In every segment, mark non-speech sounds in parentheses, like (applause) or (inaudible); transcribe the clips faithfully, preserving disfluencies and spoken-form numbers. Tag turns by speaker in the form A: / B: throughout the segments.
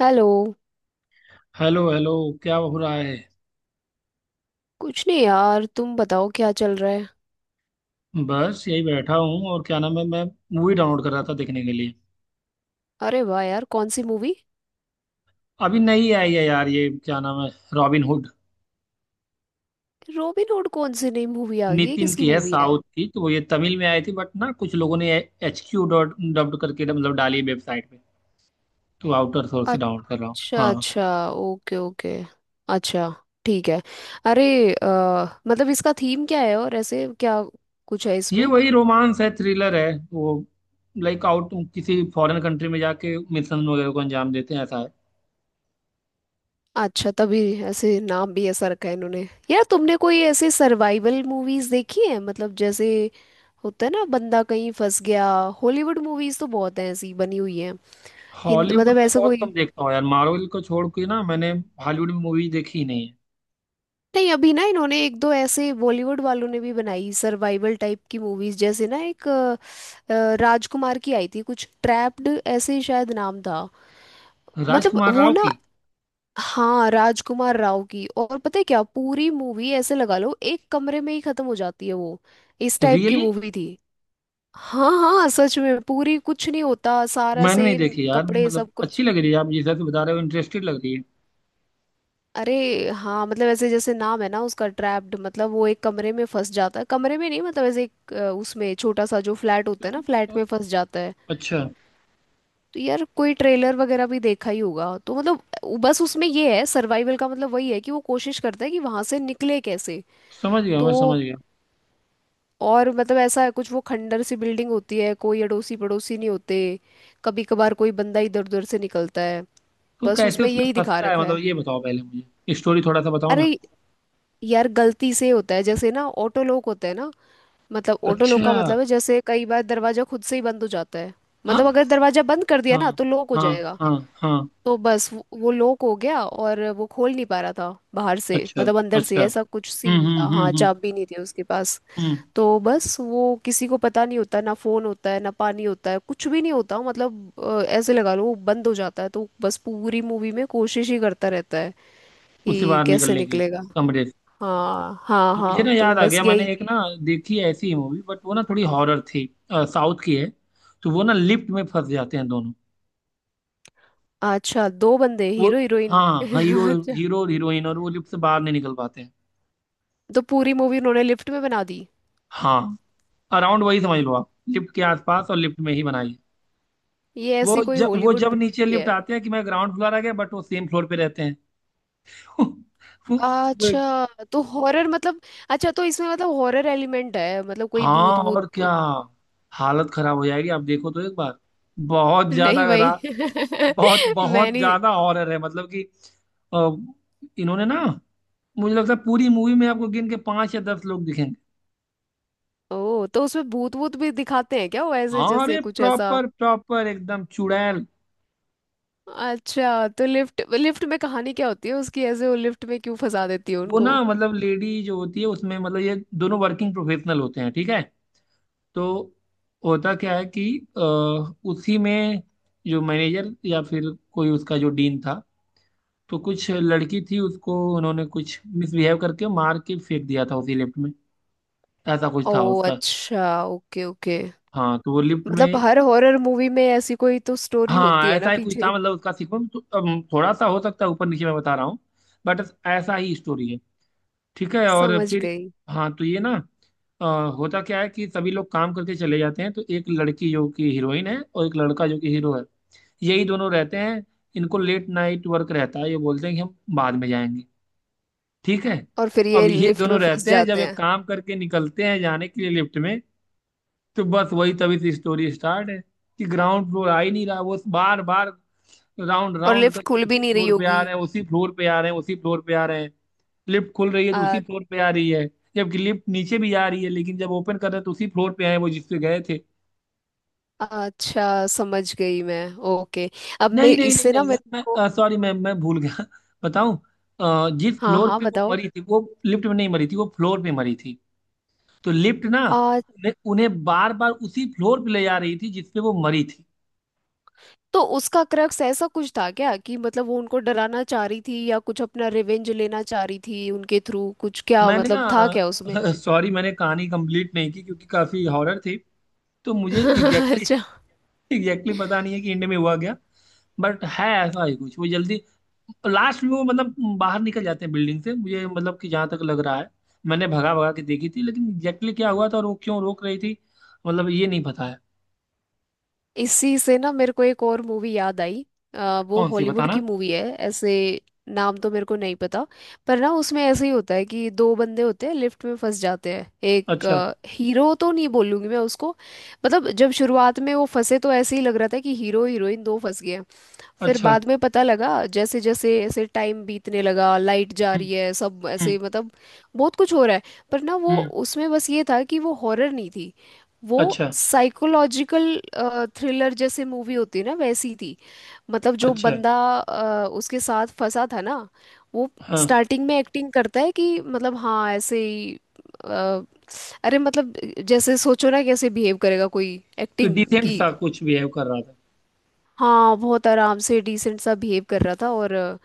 A: Hello.
B: Hello hello. क्या हो रहा है?
A: कुछ नहीं यार, तुम बताओ क्या चल रहा है।
B: बस यही बैठा हूँ, और क्या नाम है, मैं मूवी डाउनलोड कर रहा था देखने के लिए।
A: अरे वाह यार, कौन सी मूवी।
B: अभी नई आई है यार, ये क्या नाम है, रॉबिन हुड।
A: Robin Hood? कौन सी नई मूवी आ गई है?
B: नितिन
A: किसकी
B: की है,
A: मूवी है?
B: साउथ की। तो वो ये तमिल में आई थी, बट ना कुछ लोगों ने एच क्यू डॉट डब्ड करके ना, मतलब डाली वेबसाइट पे। तो आउटर सोर्स से डाउनलोड कर रहा हूँ,
A: अच्छा
B: हाँ।
A: अच्छा। Okay okay. अच्छा। ठीक है। अरे अ, मतलब इसका थीम क्या है और ऐसे क्या कुछ है
B: ये
A: इसमें।
B: वही रोमांस है, थ्रिलर है वो। लाइक आउट किसी फॉरेन कंट्री में जाके मिशन वगैरह को अंजाम देते हैं, ऐसा है।
A: अच्छा, तभी ऐसे नाम भी ऐसा रखा है इन्होंने। यार तुमने कोई ऐसे सर्वाइवल मूवीज देखी है? मतलब जैसे होता है ना बंदा कहीं फंस गया। हॉलीवुड मूवीज तो बहुत हैं ऐसी बनी हुई हैं। हिंद
B: हॉलीवुड
A: मतलब
B: में
A: ऐसा
B: बहुत
A: कोई।
B: कम देखता हूँ यार, मार्वल को छोड़ के ना। मैंने हॉलीवुड में मूवी देखी ही नहीं है।
A: नहीं, अभी ना इन्होंने एक दो ऐसे बॉलीवुड वालों ने भी बनाई सर्वाइवल टाइप की मूवीज, जैसे ना एक अ, अ, राजकुमार की आई थी कुछ ट्रैप्ड, ऐसे ही शायद नाम था। मतलब
B: राजकुमार
A: वो
B: राव
A: ना।
B: की।
A: हाँ, राजकुमार राव की। और पता है क्या, पूरी मूवी ऐसे लगा लो एक कमरे में ही खत्म हो जाती है वो। इस टाइप की
B: रियली।
A: मूवी थी। हाँ हाँ, सच में पूरी कुछ नहीं होता, सारा
B: मैंने नहीं
A: सेम
B: देखी यार,
A: कपड़े
B: मतलब
A: सब कुछ।
B: अच्छी लग रही है। आप जिस हिसाब से बता रहे हो, इंटरेस्टेड लग रही है।
A: अरे हाँ, मतलब ऐसे जैसे नाम है ना उसका ट्रैप्ड, मतलब वो एक कमरे में फंस जाता है, कमरे में नहीं मतलब ऐसे एक अ, उसमें छोटा सा जो फ्लैट होता है ना,
B: बिल्कुल।
A: फ्लैट में फंस जाता है।
B: अच्छा।
A: तो यार कोई ट्रेलर वगैरह भी देखा ही होगा तो, मतलब उ- बस उसमें ये है, सर्वाइवल का मतलब वही है कि वो कोशिश करता है कि वहां से निकले कैसे।
B: समझ गया,
A: तो,
B: मैं समझ गया।
A: और मतलब ऐसा है कुछ, वो खंडर सी बिल्डिंग होती है, कोई अड़ोसी पड़ोसी नहीं होते। कभी कभार कोई बंदा इधर उधर से निकलता है।
B: तो
A: बस
B: कैसे
A: उसमें
B: उसमें
A: यही दिखा
B: फंसता है,
A: रखा
B: मतलब
A: है।
B: ये बताओ, पहले मुझे स्टोरी थोड़ा सा बताओ ना।
A: अरे यार, गलती से होता है, जैसे ना ऑटो लॉक होता है ना। मतलब ऑटो लॉक
B: अच्छा।
A: का मतलब है, जैसे कई बार दरवाजा खुद से ही बंद हो जाता है।
B: हाँ,
A: मतलब अगर दरवाजा बंद कर दिया
B: हाँ,
A: ना तो लॉक हो
B: हाँ,
A: जाएगा।
B: हाँ, हाँ।
A: तो बस वो वो लॉक हो गया और वो खोल नहीं पा रहा था बाहर से,
B: अच्छा,
A: मतलब अंदर से।
B: अच्छा।
A: ऐसा कुछ
B: हम्म,
A: सीन था।
B: हम्म, हम्म,
A: हाँ,
B: हम्म।
A: चाबी नहीं थी उसके पास।
B: हम्म।
A: तो बस वो किसी को पता नहीं होता, ना फोन होता है, ना पानी होता है, कुछ भी नहीं होता। मतलब अ, ऐसे लगा लो वो बंद हो जाता है, तो बस पूरी मूवी में कोशिश ही करता रहता है
B: उससे
A: कि
B: बाहर
A: कैसे
B: निकलने की,
A: निकलेगा।
B: कमरे से।
A: हाँ हाँ
B: मुझे
A: हाँ,
B: ना
A: तो
B: याद आ
A: बस
B: गया, मैंने
A: यही।
B: एक ना देखी है ऐसी ही मूवी, बट वो ना थोड़ी हॉरर थी। साउथ की है। तो वो ना लिफ्ट में फंस जाते हैं, दोनों।
A: अच्छा, दो बंदे
B: वो,
A: हीरो हीरोइन?
B: हाँ
A: (laughs)
B: हाँ, हीरो।
A: अच्छा।
B: हीरो और हीरोइन, और वो लिफ्ट से बाहर नहीं निकल पाते हैं।
A: तो पूरी मूवी उन्होंने लिफ्ट में बना दी।
B: हाँ। अराउंड वही समझ लो आप, लिफ्ट के आसपास और लिफ्ट में ही बनाइए।
A: ये
B: वो
A: ऐसी कोई
B: जब वो
A: हॉलीवुड
B: जब
A: मूवी
B: नीचे
A: भी
B: लिफ्ट
A: है?
B: आते हैं, कि मैं ग्राउंड फ्लोर आ गया, बट वो सेम फ्लोर पे रहते हैं। (laughs) तो वो, वो
A: अच्छा, तो हॉरर मतलब? अच्छा, तो इसमें मतलब हॉरर एलिमेंट है, मतलब कोई भूत
B: हाँ, और क्या।
A: भूत?
B: हालत खराब हो जाएगी, आप देखो तो एक बार। बहुत
A: नहीं
B: ज्यादा
A: भाई,
B: खरा
A: (laughs)
B: बहुत
A: मैं
B: बहुत
A: नहीं।
B: ज्यादा हॉरर है, मतलब कि अ, इन्होंने ना, मुझे लगता है पूरी मूवी में आपको गिन के पांच या दस लोग दिखेंगे।
A: ओ, तो उसमें भूत भूत भी दिखाते हैं क्या वो? ऐसे
B: हाँ,
A: जैसे
B: अरे
A: कुछ ऐसा।
B: प्रॉपर प्रॉपर एकदम चुड़ैल।
A: अच्छा, तो लिफ्ट लिफ्ट में कहानी क्या होती है उसकी? ऐसे वो लिफ्ट में क्यों फंसा देती है
B: वो ना
A: उनको?
B: मतलब, लेडी जो होती है उसमें, मतलब ये दोनों वर्किंग प्रोफेशनल होते हैं, ठीक है। तो होता क्या है कि अ, उसी में जो मैनेजर या फिर कोई उसका जो डीन था, तो कुछ लड़की थी, उसको उन्होंने कुछ मिसबिहेव करके मार के फेंक दिया था उसी लिफ्ट में। ऐसा कुछ
A: ओ,
B: था उसका।
A: अच्छा। Okay okay.
B: हाँ, तो वो लिफ्ट में।
A: मतलब हर हॉरर मूवी में ऐसी कोई तो स्टोरी होती
B: हाँ,
A: है
B: ऐसा
A: ना
B: ही कुछ था,
A: पीछे।
B: मतलब उसका सीक्वेंस तो, अम, थोड़ा सा हो सकता है ऊपर नीचे मैं बता रहा हूँ। बट ऐसा ही स्टोरी है। ठीक है, और
A: समझ
B: फिर।
A: गई।
B: हाँ, तो ये ना अ, होता क्या है कि सभी लोग काम करके चले जाते हैं, तो एक लड़की जो कि हीरोइन है और एक लड़का जो कि हीरो है, यही दोनों रहते हैं। इनको लेट नाइट वर्क रहता है, ये बोलते हैं कि हम बाद में जाएंगे। ठीक है।
A: और फिर
B: अब
A: ये
B: ये
A: लिफ्ट में
B: दोनों
A: फंस
B: रहते हैं, जब
A: जाते
B: एक
A: हैं।
B: काम करके निकलते हैं जाने के लिए लिफ्ट में, तो बस वही तभी से स्टोरी स्टार्ट है। कि ग्राउंड फ्लोर आ ही नहीं रहा, वो बार बार राउंड
A: और
B: राउंड
A: लिफ्ट
B: करके
A: खुल भी
B: उसी
A: नहीं रही
B: फ्लोर पे आ
A: होगी।
B: रहे हैं, उसी फ्लोर पे आ रहे हैं, उसी फ्लोर पे आ रहे हैं। लिफ्ट खुल रही है तो उसी
A: आ,
B: फ्लोर पे आ रही है। जबकि लिफ्ट नीचे भी आ रही है, लेकिन जब ओपन कर रहे हैं तो उसी फ्लोर पे आए वो, जिस पे गए थे।
A: अच्छा, समझ गई मैं। ओके। अब मैं
B: नहीं, नहीं, नहीं,
A: इससे ना
B: नहीं,
A: मेरे को,
B: मैं सॉरी मैम, मैं भूल गया (laughs) बताऊं। अ, जिस
A: हाँ
B: फ्लोर
A: हाँ
B: पे वो
A: बताओ।
B: मरी थी, वो लिफ्ट में नहीं मरी थी, वो फ्लोर पे मरी थी। तो लिफ्ट ना
A: आ,
B: उन्हें उन्हें बार बार उसी फ्लोर पे ले जा रही थी, जिस पे वो मरी थी।
A: तो उसका क्रक्स ऐसा कुछ था क्या, कि मतलब वो उनको डराना चाह रही थी या कुछ अपना रिवेंज लेना चाह रही थी उनके थ्रू, कुछ क्या
B: मैंने ना
A: मतलब था क्या उसमें?
B: (laughs) सॉरी, मैंने कहानी कंप्लीट नहीं की, क्योंकि काफी हॉरर थी। तो मुझे
A: (laughs)
B: एग्जैक्टली
A: अच्छा,
B: एग्जैक्टली पता नहीं है कि इंड में हुआ क्या। बट है ऐसा ही कुछ, वो जल्दी लास्ट में वो मतलब बाहर निकल जाते हैं बिल्डिंग से मुझे, मतलब कि जहां तक लग रहा है। मैंने भगा भगा के देखी थी, लेकिन एग्जैक्टली क्या हुआ था और वो क्यों रोक रही थी, मतलब ये नहीं पता है।
A: इसी से ना मेरे को एक और मूवी याद आई। अ, वो
B: कौन सी
A: हॉलीवुड की
B: बताना।
A: मूवी है ऐसे। नाम तो मेरे को नहीं पता, पर ना उसमें ऐसे ही होता है कि दो बंदे होते हैं लिफ्ट में फंस जाते हैं।
B: अच्छा,
A: एक हीरो तो नहीं बोलूंगी मैं उसको। मतलब जब शुरुआत में वो फंसे तो ऐसे ही लग रहा था कि हीरो हीरोइन दो फंस गए हैं। फिर
B: अच्छा,
A: बाद में पता लगा, जैसे जैसे ऐसे टाइम बीतने लगा, लाइट जा
B: हम्म,
A: रही है, सब ऐसे
B: हम्म,
A: मतलब बहुत कुछ हो रहा है। पर ना वो,
B: हम्म,
A: उसमें बस ये था कि वो हॉरर नहीं थी, वो
B: अच्छा,
A: साइकोलॉजिकल थ्रिलर जैसे मूवी होती है ना, वैसी थी। मतलब जो
B: अच्छा,
A: बंदा अ, उसके साथ फंसा था ना, वो
B: हाँ।
A: स्टार्टिंग में एक्टिंग करता है कि मतलब हाँ ऐसे ही, अ, अरे मतलब जैसे सोचो ना कैसे बिहेव करेगा कोई,
B: कि
A: एक्टिंग
B: डिसेंट
A: की।
B: सा कुछ बिहेव कर रहा था।
A: हाँ, बहुत आराम से डिसेंट सा बिहेव कर रहा था, और अ,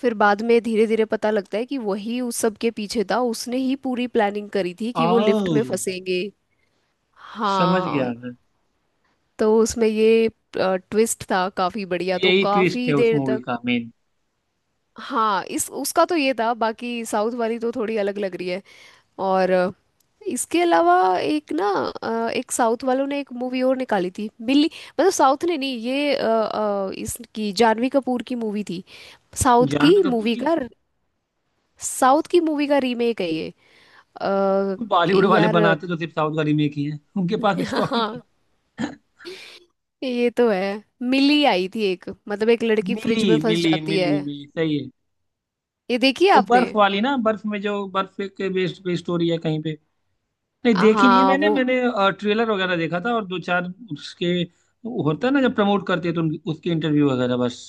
A: फिर बाद में धीरे धीरे पता लगता है कि वही उस सब के पीछे था, उसने ही पूरी प्लानिंग करी थी कि वो
B: आओ,
A: लिफ्ट में फंसेंगे।
B: समझ गया
A: हाँ,
B: मैं।
A: तो उसमें ये ट्विस्ट था काफी
B: तो
A: बढ़िया, तो
B: यही ट्विस्ट
A: काफी
B: है उस
A: देर
B: मूवी
A: तक।
B: का मेन।
A: हाँ, इस उसका तो ये था, बाकी साउथ वाली तो थोड़ी अलग लग रही है। और अ, इसके अलावा एक ना, अ, एक साउथ वालों ने एक मूवी और निकाली थी, मिली। मतलब साउथ ने नहीं, ये अ, अ, इसकी जानवी कपूर की मूवी थी। साउथ
B: जानवी
A: की
B: कपूर
A: मूवी
B: की।
A: का साउथ की मूवी का रीमेक है ये। अ,
B: बॉलीवुड वाले
A: यार।
B: बनाते तो सिर्फ साउथ का रीमेक ही है, उनके पास
A: (laughs)
B: स्टॉक ही नहीं।
A: हाँ, ये तो है। मिली आई थी एक, मतलब एक
B: है।
A: लड़की
B: मिली,
A: फ्रिज में फंस
B: मिली,
A: जाती है।
B: मिली, मिली, सही है।
A: ये देखी है
B: वो
A: आपने?
B: बर्फ वाली ना, बर्फ में, जो बर्फ के बेस्ड पे स्टोरी है कहीं पे। नहीं देखी नहीं है
A: हाँ
B: मैंने।
A: वो।
B: मैंने ट्रेलर वगैरह देखा था और दो चार उसके, होता है ना जब प्रमोट करते हैं तो उन- उसके इंटरव्यू वगैरह, बस।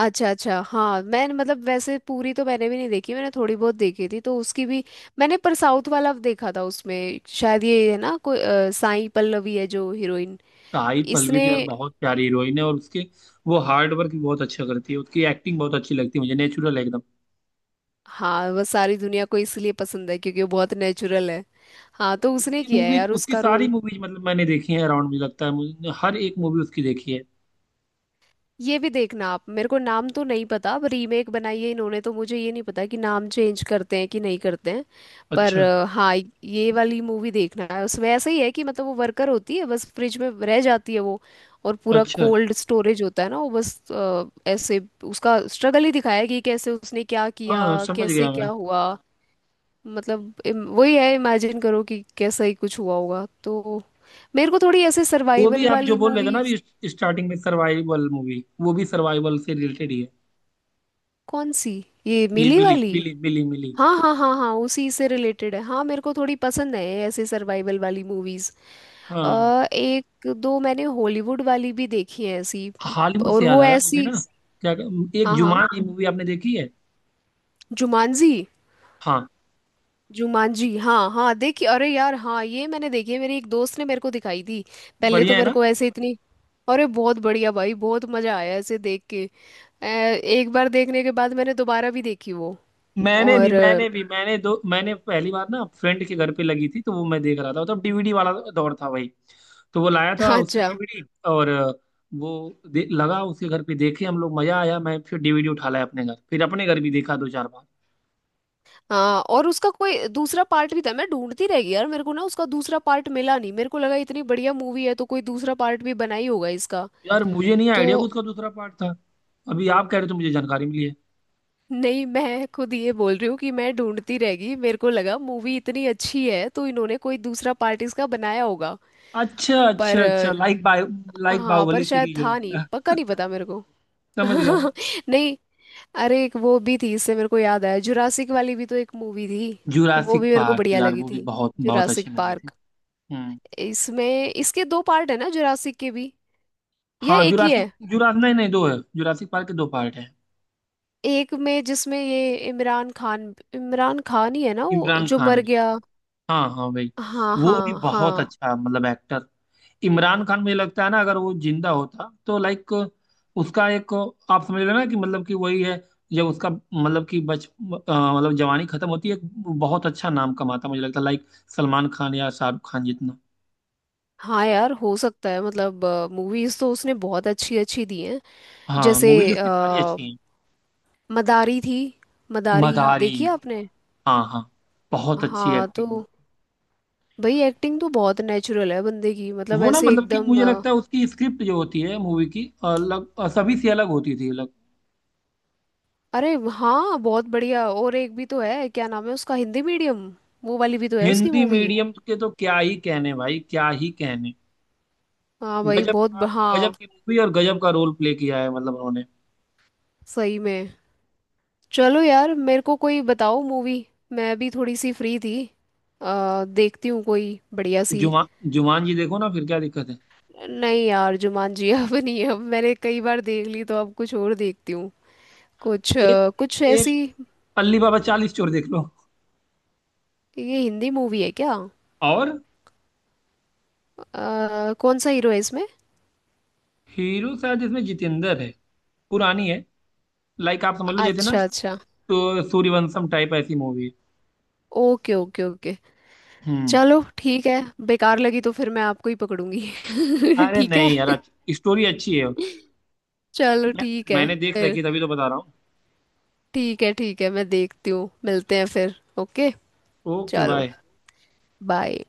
A: अच्छा अच्छा। हाँ, मैंने मतलब वैसे पूरी तो मैंने भी नहीं देखी, मैंने थोड़ी बहुत देखी थी तो उसकी भी। मैंने पर साउथ वाला देखा था उसमें, शायद ये है ना कोई अ, साई पल्लवी है जो हीरोइन,
B: साई पल्लवी
A: इसने।
B: तो यार बहुत प्यारी हीरोइन है, और उसके, वो हार्ड वर्क भी बहुत अच्छा करती है। उसकी एक्टिंग बहुत अच्छी लगती है मुझे, नेचुरल है एकदम।
A: हाँ, वह सारी दुनिया को इसलिए पसंद है क्योंकि वो बहुत नेचुरल है। हाँ, तो उसने
B: उसकी
A: किया है
B: मूवीज,
A: यार
B: उसकी
A: उसका
B: सारी
A: रोल।
B: मूवीज मतलब मैंने देखी है, अराउंड मुझे लगता है मुझे हर एक मूवी उसकी देखी है।
A: ये भी देखना आप, मेरे को नाम तो नहीं पता, अब रीमेक बनाई है इन्होंने तो मुझे ये नहीं पता कि नाम चेंज करते हैं कि नहीं करते हैं। पर
B: अच्छा,
A: अ, हाँ। ये वाली मूवी देखना है, उसमें ऐसा ही है कि मतलब वो वर्कर होती है, बस फ्रिज में रह जाती है वो, और पूरा
B: अच्छा,
A: कोल्ड स्टोरेज होता है ना, वो बस अ, ऐसे, उसका स्ट्रगल ही दिखाया है कि कैसे उसने क्या किया,
B: हाँ, समझ
A: कैसे
B: गया मैं।
A: क्या हुआ। मतलब इम- वही है, इमेजिन करो कि कैसा ही कुछ हुआ होगा तो। मेरे को थोड़ी ऐसे
B: वो भी
A: सर्वाइवल
B: आप जो
A: वाली
B: बोल रहे थे ना
A: मूवीज।
B: अभी, स्टार्टिंग में सर्वाइवल मूवी, वो भी सर्वाइवल से रिलेटेड ही है।
A: कौन सी? ये
B: ये
A: मिली
B: मिली,
A: वाली।
B: मिली, मिली, मिली।
A: हाँ हाँ हाँ हाँ, उसी से रिलेटेड है। हाँ, मेरे को थोड़ी पसंद है ऐसे सर्वाइवल वाली मूवीज।
B: हाँ,
A: अ एक दो मैंने हॉलीवुड वाली भी देखी है ऐसी,
B: हॉलीवुड से
A: और
B: याद
A: वो
B: आया मुझे
A: ऐसी।
B: ना। क्या, एक
A: हाँ हाँ,
B: जुमान की मूवी आपने देखी है?
A: जुमानजी।
B: हाँ।
A: जुमानजी, हाँ हाँ, देखी। अरे यार हाँ, ये मैंने देखी है, मेरी एक दोस्त ने मेरे को दिखाई थी। पहले तो
B: बढ़िया है
A: मेरे
B: ना?
A: को ऐसे इतनी। अरे बहुत बढ़िया भाई, बहुत मजा आया ऐसे देख के। अ, एक बार देखने के बाद मैंने दोबारा भी देखी वो।
B: मैंने भी
A: और अ,
B: मैंने भी मैंने दो मैंने पहली बार ना फ्रेंड के घर पे लगी थी, तो वो मैं देख रहा था, तब डी वी डी वाला दौर था भाई। तो वो लाया
A: (laughs)
B: था उसकी
A: अच्छा।
B: D we D. और अ, वो दे, लगा उसके घर पे देखे हम लोग, मजा आया। मैं फिर डी वी डी उठा लाया अपने घर, फिर अपने घर भी देखा दो चार बार।
A: हाँ, और उसका कोई दूसरा पार्ट भी था? मैं ढूंढती रह गई यार, मेरे को ना उसका दूसरा पार्ट मिला नहीं, मेरे को लगा इतनी बढ़िया मूवी है तो कोई दूसरा पार्ट भी बना ही होगा इसका
B: यार मुझे नहीं
A: तो।
B: आइडिया कि उसका दूसरा पार्ट था, अभी आप कह रहे हो तो मुझे जानकारी मिली है।
A: नहीं, मैं खुद ये बोल रही हूँ कि मैं ढूंढती रह गई, मेरे को लगा मूवी इतनी अच्छी है तो इन्होंने कोई दूसरा पार्ट इसका बनाया होगा।
B: अच्छा,
A: पर
B: अच्छा, अच्छा,
A: अ,
B: लाइक बाय। लाइक
A: हाँ, पर
B: बाहुबली
A: शायद
B: सीरीज हो
A: था नहीं,
B: गया।
A: पक्का नहीं पता मेरे को।
B: समझ गया मैं।
A: (laughs) नहीं, अरे एक वो भी थी, इससे मेरे को याद आया, जुरासिक वाली भी तो एक मूवी थी। वो
B: जुरासिक
A: भी मेरे को
B: पार्क
A: बढ़िया
B: यार,
A: लगी
B: वो भी
A: थी,
B: बहुत बहुत
A: जुरासिक
B: अच्छी मूवी थी।
A: पार्क।
B: हम्म।
A: इसमें इसके दो पार्ट है ना जुरासिक के भी, या
B: हाँ,
A: एक ही
B: जुरासिक
A: है?
B: जुरास नहीं नहीं, दो है, जुरासिक पार्क के दो पार्ट है।
A: एक में जिसमें ये इमरान खान इमरान खान ही है ना, वो
B: इमरान
A: जो मर
B: खान।
A: गया?
B: हाँ हाँ भाई।
A: हाँ
B: वो भी
A: हाँ
B: बहुत
A: हाँ
B: अच्छा मतलब एक्टर। इमरान खान मुझे लगता है ना, अगर वो जिंदा होता तो लाइक, उसका एक, आप समझ रहे हो ना कि मतलब कि वही है। जब उसका मतलब कि बच अ, मतलब जवानी खत्म होती है, एक बहुत अच्छा नाम कमाता मुझे लगता है, लाइक सलमान खान या शाहरुख खान जितना।
A: हाँ। यार हो सकता है मतलब, मूवीज तो उसने बहुत अच्छी अच्छी दी हैं।
B: हाँ,
A: जैसे,
B: मूवीज उसकी सारी
A: अ,
B: अच्छी हैं।
A: मदारी थी, मदारी
B: मदारी।
A: देखी है आपने?
B: हाँ हाँ, बहुत अच्छी
A: हाँ, तो
B: एक्टिंग है।
A: भाई एक्टिंग तो बहुत नेचुरल है बंदे की, मतलब
B: वो ना
A: ऐसे
B: मतलब कि
A: एकदम
B: मुझे
A: अ,
B: लगता है उसकी स्क्रिप्ट जो होती है मूवी की, अलग, सभी से अलग होती थी।
A: अरे हाँ, बहुत बढ़िया। और एक भी तो है क्या नाम है उसका, हिंदी मीडियम, वो वाली भी तो है उसकी
B: हिंदी
A: मूवी।
B: मीडियम के तो क्या ही कहने भाई, क्या ही कहने।
A: हाँ भाई
B: गजब
A: बहुत
B: का,
A: ब-
B: गजब
A: हाँ,
B: की मूवी, और गजब का रोल प्ले किया है मतलब उन्होंने।
A: सही में। चलो यार मेरे को कोई बताओ मूवी, मैं भी थोड़ी सी फ्री थी। आ, देखती हूँ कोई बढ़िया सी।
B: जुमा जुमान जी देखो ना, फिर क्या दिक्कत है।
A: नहीं यार, जुमान जी? (laughs) अब नहीं, अब मैंने कई बार देख ली तो अब कुछ और देखती हूँ। कुछ
B: एक
A: अ, कुछ
B: एक
A: ऐसी।
B: अल्ली बाबा चालीस चोर देख लो।
A: ये हिंदी मूवी है क्या?
B: और
A: अ, कौन सा हीरो है इसमें?
B: हीरो शायद इसमें जितेंद्र है, पुरानी है, लाइक आप समझ लो जैसे ना,
A: अच्छा अच्छा।
B: तो सूर्यवंशम टाइप ऐसी मूवी है।
A: Okay okay okay.
B: हम्म।
A: चलो ठीक है। बेकार लगी तो फिर मैं आपको ही पकड़ूंगी। (laughs)
B: अरे
A: ठीक है,
B: नहीं यार, स्टोरी अच्छी है।
A: चलो।
B: मैं,
A: ठीक है
B: मैंने देख रखी
A: फिर।
B: है, तभी तो बता रहा हूँ।
A: ठीक है ठीक है, मैं देखती हूँ, मिलते हैं फिर। ओके,
B: ओके
A: चलो।
B: बाय।
A: बाय।